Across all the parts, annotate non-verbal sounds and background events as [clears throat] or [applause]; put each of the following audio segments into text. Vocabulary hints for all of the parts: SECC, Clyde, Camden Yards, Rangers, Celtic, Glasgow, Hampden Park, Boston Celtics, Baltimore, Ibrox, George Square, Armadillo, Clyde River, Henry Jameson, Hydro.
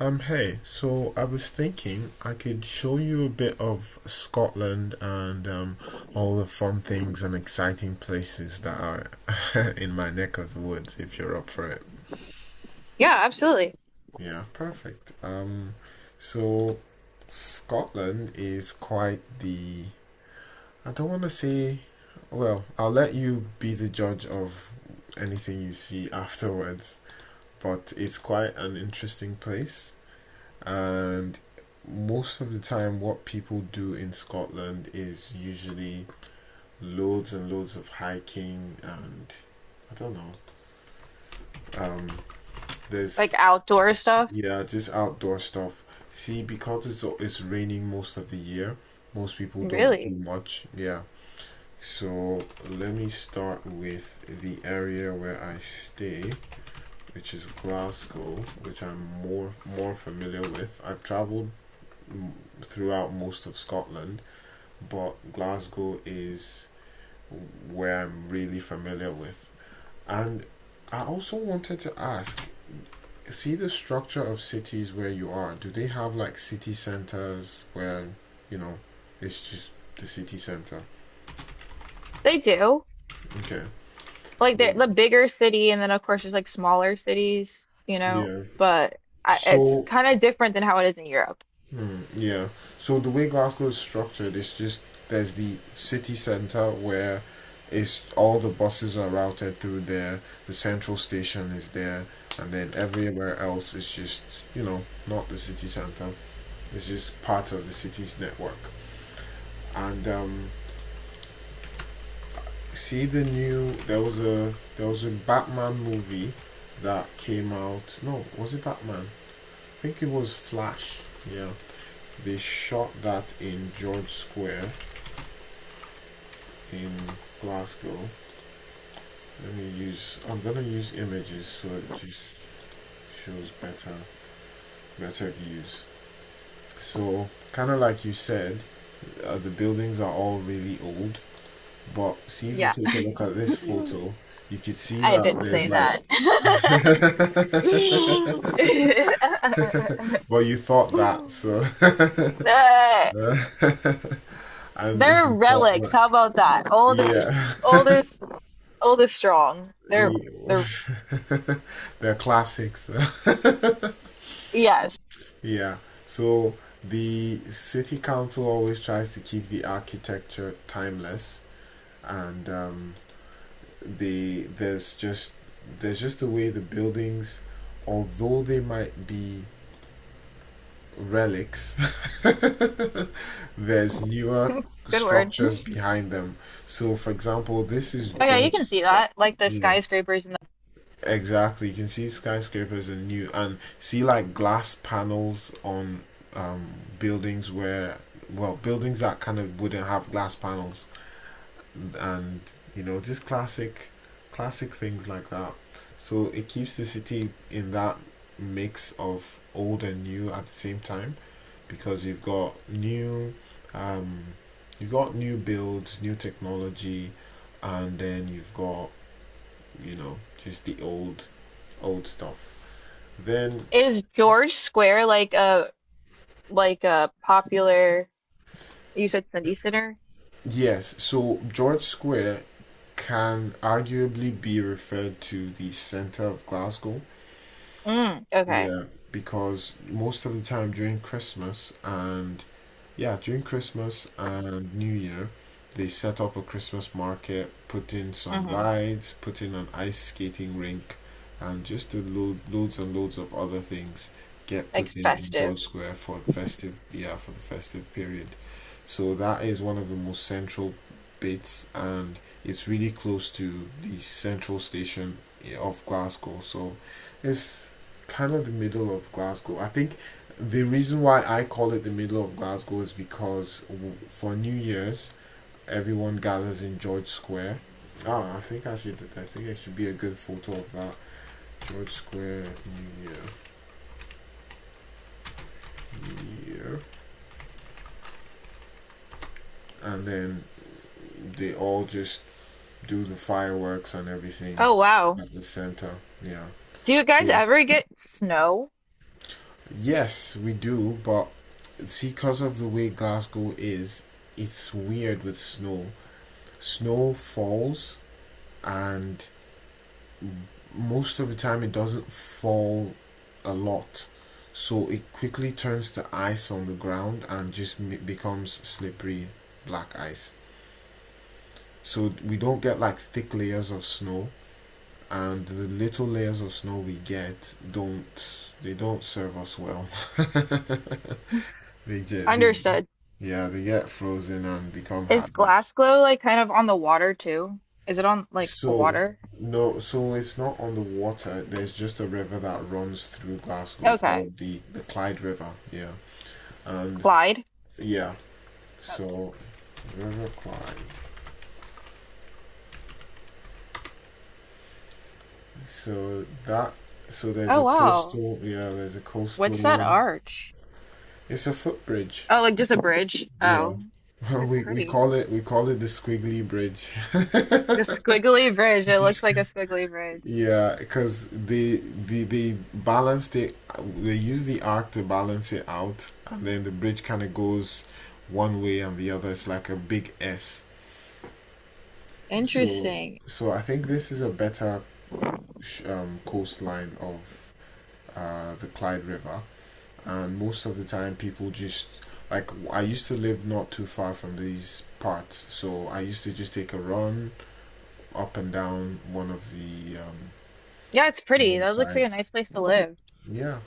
Hey, so I was thinking I could show you a bit of Scotland and all the fun things and exciting places that are [laughs] in my neck of the woods if you're up for it. Yeah, absolutely. Yeah, perfect. So Scotland is quite I don't want to say, well, I'll let you be the judge of anything you see afterwards, but it's quite an interesting place. And most of the time, what people do in Scotland is usually loads and loads of hiking and I don't know. Um, there's Like outdoor stuff. Yeah, just outdoor stuff. See, because it's raining most of the year, most people don't do Really. much. Yeah. So let me start with the area where I stay, which is Glasgow, which I'm more familiar with. I've traveled mm, throughout most of Scotland, but Glasgow is where I'm really familiar with. And I also wanted to ask see the structure of cities where you are. Do they have like city centers where, you know, it's just the city center? They do. Okay. Like the Yeah. the bigger city, and then of course there's like smaller cities, you know, Yeah. but it's So kind of different than how it is in Europe. yeah. So the way Glasgow is structured, is just there's the city centre where it's all the buses are routed through there. The central station is there, and then everywhere else is just, you know, not the city centre. It's just part of the city's network. And see the new there was a Batman movie that came out. No, was it Batman? I think it was Flash. Yeah. They shot that in George Square in Glasgow. Let me use. I'm gonna use images so it just shows better views. So kind of like you said, the buildings are all really old. But see if you Yeah. take a look at this [laughs] photo, you could see I that didn't say there's like. that. [laughs] Well, you thought that, so [laughs] and Uh, they're isn't that relics. like How about that? Oldest, yeah. oldest, oldest strong. [laughs] They're Yeah. they're They're classics. [laughs] yes. Yeah. So the city council always tries to keep the architecture timeless, and the there's just there's just a way the buildings, although they might be relics, [laughs] there's newer [laughs] Good word. Oh structures behind them. So, for example, this is yeah, you can George. see that. Like the Yeah. skyscrapers. Exactly, you can see skyscrapers and new and see like glass panels on um, buildings where well buildings that kind of wouldn't have glass panels and you know just classic things like that. So it keeps the city in that mix of old and new at the same time because um, you've got new builds, new technology, and then you've got you know just the old stuff. Then, Is George Square like a popular, you said Sunday Center? yes, so George Square can arguably be referred to the centre of Glasgow. Mm, okay. Yeah, because most of the time during Christmas and Yeah, during Christmas and New Year, they set up a Christmas market, put in some Mm-hmm. rides, put in an ice skating rink, and just did loads and loads of other things get Like put in George festive. Square yeah, for the festive period. So that is one of the most central bits, and it's really close to the central station yeah, of Glasgow. So it's kind of the middle of Glasgow. I think the reason why I call it the middle of Glasgow is because for New Year's, everyone gathers in George Square. Ah, I think I should. I think it should be a good photo of that George Square New Year, and then they all just do the fireworks and everything Oh wow. at the center. Yeah. Do you guys So ever get snow? yes, we do, but see, because of the way Glasgow is, it's weird with snow. Snow falls and most of the time it doesn't fall a lot so it quickly turns to ice on the ground and just becomes slippery black ice so we don't get like thick layers of snow and the little layers of snow we get don't they don't serve us well [laughs] they Understood. yeah they get frozen and become Is hazards. Glasgow like kind of on the water too? Is it on like So water? no, so it's not on the water, there's just a river that runs through Glasgow Okay. called the Clyde River yeah and Clyde? yeah, Okay. so river climb. So that so there's Oh a wow. coastal. Yeah, there's a What's that coastal. arch? It's a footbridge. Oh, like just a bridge. Yeah. Oh, [laughs] it's pretty. We call it the squiggly bridge. [laughs] The squiggly bridge. It's It looks just like a squig- squiggly bridge. Yeah, because they balanced it. They use the arc to balance it out, and then the bridge kind of goes one way and the other. It's like a big S. So Interesting. so I think this is a better coastline of the Clyde River, and most of the time people just like I used to live not too far from these parts, so I used to just take a run up and down Yeah, it's one pretty. of the That looks like a sides. nice place to live. Yeah,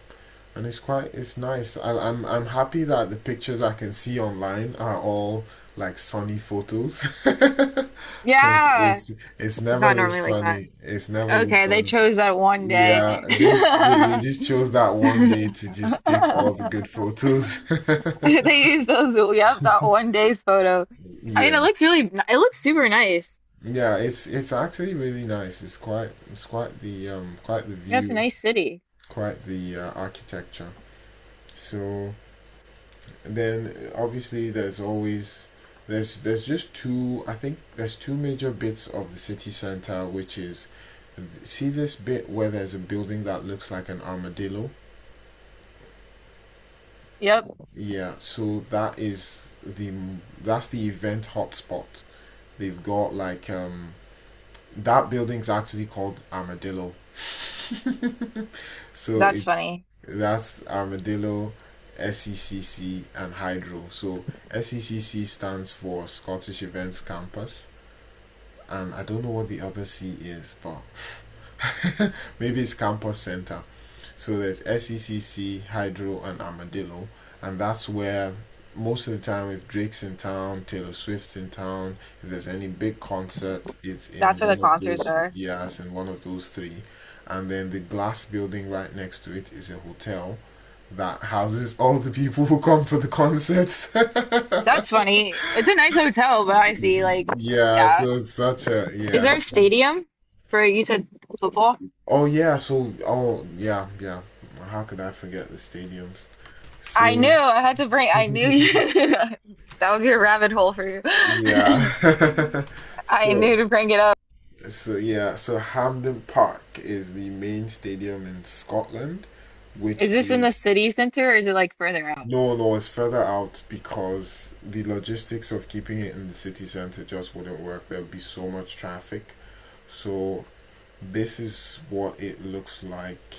and it's quite it's nice. I'm happy that the pictures I can see online are all like sunny photos, [laughs] because Yeah, it's it's never not normally this like that. sunny. It's never this Okay, they sunny. chose that one day. Yeah, this they [laughs] just chose that one day to just take all the good photos. [laughs] They used those, yep, that one day's photo. I mean, it Yeah. looks really, n- it looks super nice. Yeah, it's actually really nice. It's quite the Yeah, it's a view, nice city. quite the architecture. So then obviously there's just two I think there's two major bits of the city center which is see this bit where there's a building that looks like an armadillo. Yep, Yeah, so that is the that's the event hotspot. They've got like that building's actually called Armadillo. So that's it's funny. that's Armadillo, SECC and Hydro. So SECC stands for Scottish Events Campus and I don't know what the other C is, but [laughs] [sighs] maybe it's Campus Centre. So there's SECC, Hydro, and Armadillo, and that's where most of the time, if Drake's in town, Taylor Swift's in town, if there's any big concert, it's That's in where the one of concerts those are. years in one of those three. And then the glass building right next to it is a hotel that houses [laughs] all the people who come for the concerts. That's funny. It's a nice hotel, but I see, [laughs] like, Yeah, yeah. so it's such a Is yeah. there a stadium for, you said football? Oh yeah, so oh yeah, yeah. How could I forget the stadiums? I knew So I had to bring, I knew [laughs] you, [laughs] that would be a rabbit hole for you. [laughs] Yeah. [laughs] I So, knew to bring it up. so yeah, so Hampden Park is the main stadium in Scotland, which Is this in the is city center or is it like further out? no, no, it's further out because the logistics of keeping it in the city center just wouldn't work. There would be so much traffic. So this is what it looks like.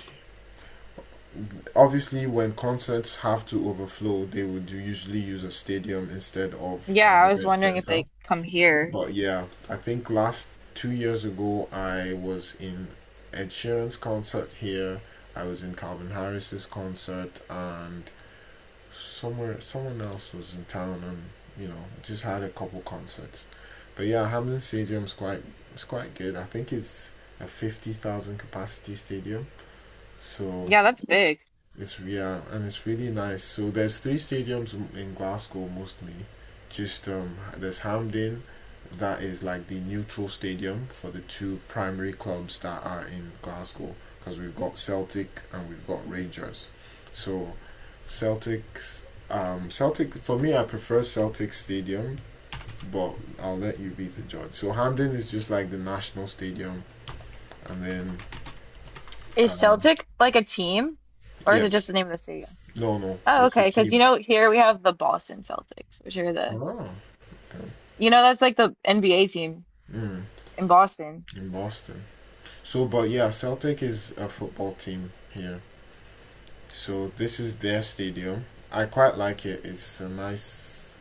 Obviously, when concerts have to overflow, they would usually use a stadium instead of Yeah, an I was event wondering if center. they come here. But yeah, I think last 2 years ago I was in Ed Sheeran's concert here. I was in Calvin Harris's concert, and somewhere someone else was in town, and you know just had a couple concerts. But yeah, Hamden Stadium's quite it's quite good. I think it's a 50,000 capacity stadium, so Yeah, that's big. it's yeah, and it's really nice. So there's three stadiums m- in Glasgow mostly. Just there's Hampden, that is like the neutral stadium for the two primary clubs that are in Glasgow, because we've got Celtic and we've got Rangers. So Celtics, Celtic for me, I prefer Celtic Stadium, but I'll let you be the judge. So Hampden is just like the national stadium, and then Is uh, Celtic like a team or is it just yes, the name of the stadium? no, no, Oh, it's a okay. Because you team. know, here we have the Boston Celtics, which are the, Ah. you know, that's like the NBA team Mm. in Boston. In Boston. So, but yeah, Celtic is a football team here. So this is their stadium. I quite like it. It's a nice,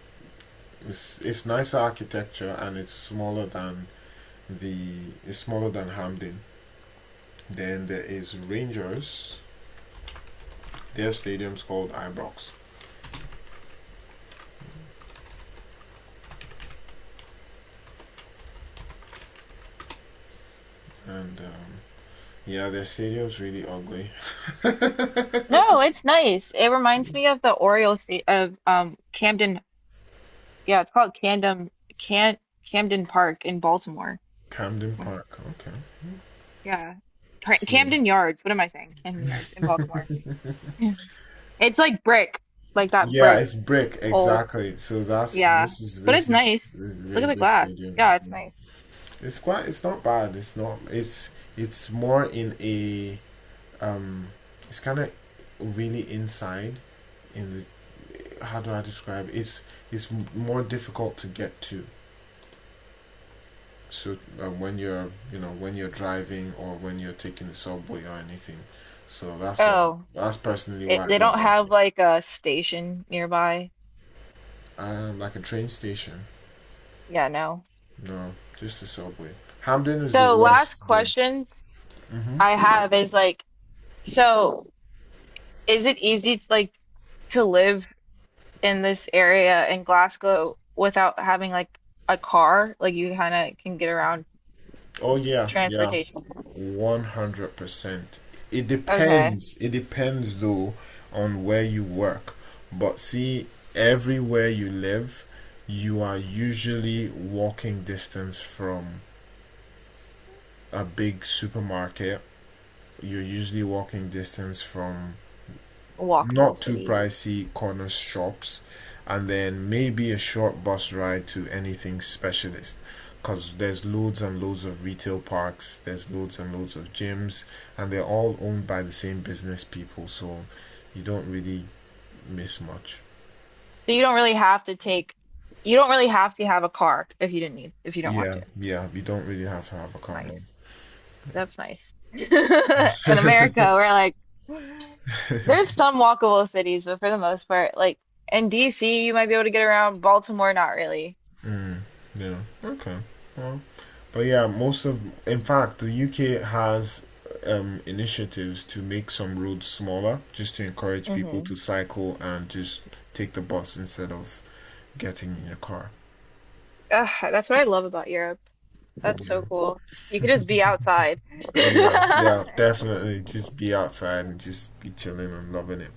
it's, It's nicer architecture and it's smaller than the it's smaller than Hampden. Then there is Rangers. Their stadium's called Ibrox, and yeah, their stadium's really ugly. No, it's nice. It reminds me of the Orioles sta- of Camden. Yeah, it's called Camden. Can Camden Park in Baltimore. Camden Mm, Park. Okay. yeah. Pra- So Camden Yards. What am I saying? Camden Yards in Baltimore. [clears throat] [laughs] It's like brick, like that yeah, brick it's brick old. exactly. So that's Yeah. But this it's is nice. Look at the Rangers glass. Stadium. Yeah, it's Yeah. nice. It's quite. It's not bad. It's not. It's. It's more in a. Um. It's kind of really inside. In the. How do I describe it? It's more difficult to get to. So when you're, you know, when you're driving or when you're taking the subway or anything, so that's why. Oh, That's personally it, why I they don't don't like have it. like a station nearby. Like a train station. Yeah, no. No, just the subway. Hamden is the So last worst though. questions Mm-hmm. I have is like, so is it easy to like to live in this area in Glasgow without having like a car. Like you kind of can get around Oh yeah, yeah. transportation. 100%. It Okay, depends. It depends though on where you work. But see, everywhere you live, you are usually walking distance from a big supermarket. You're usually walking distance from walkable not too city. pricey corner shops, and then maybe a short bus ride to anything specialist. Because there's loads and loads of retail parks, there's loads and loads of gyms, and they're all owned by the same business people, so you don't really miss much. So you don't really have to take, you don't really have to have a car if you didn't need, if you don't want Yeah, to. yeah, you don't really have to have a car Nice. now. That's nice. [laughs] In America, we're like, there's some walkable cities, but for the most part, like in DC, you might be able to get around. Baltimore, not really. Yeah, okay. Well, But yeah, in fact, the UK has initiatives to make some roads smaller, just to encourage people Hmm. to cycle and just take the bus instead of getting in your car. Ugh, that's what I love about Europe. That's so Yeah, cool. You could just be outside. [laughs] Yeah, yeah, definitely. Just be outside and just be chilling and loving it.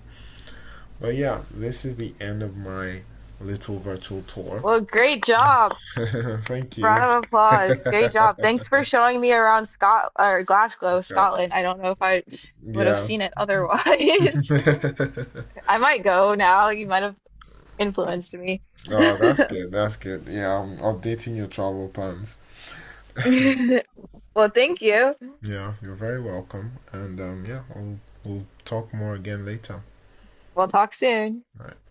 But yeah, this is the end of my little virtual tour. Well, great job. [laughs] Thank Round you. of applause. Great job. Thanks for showing me around Scot or Glasgow, Yeah. Scotland. I don't know if I would have Yeah. seen it otherwise. [laughs] [laughs] I might go now. You might have influenced me. [laughs] Oh, that's good. That's good. Yeah, I'm updating your travel plans. Well, thank you. Yeah, you're very welcome. And yeah, we'll talk more again later. We'll talk soon. All right.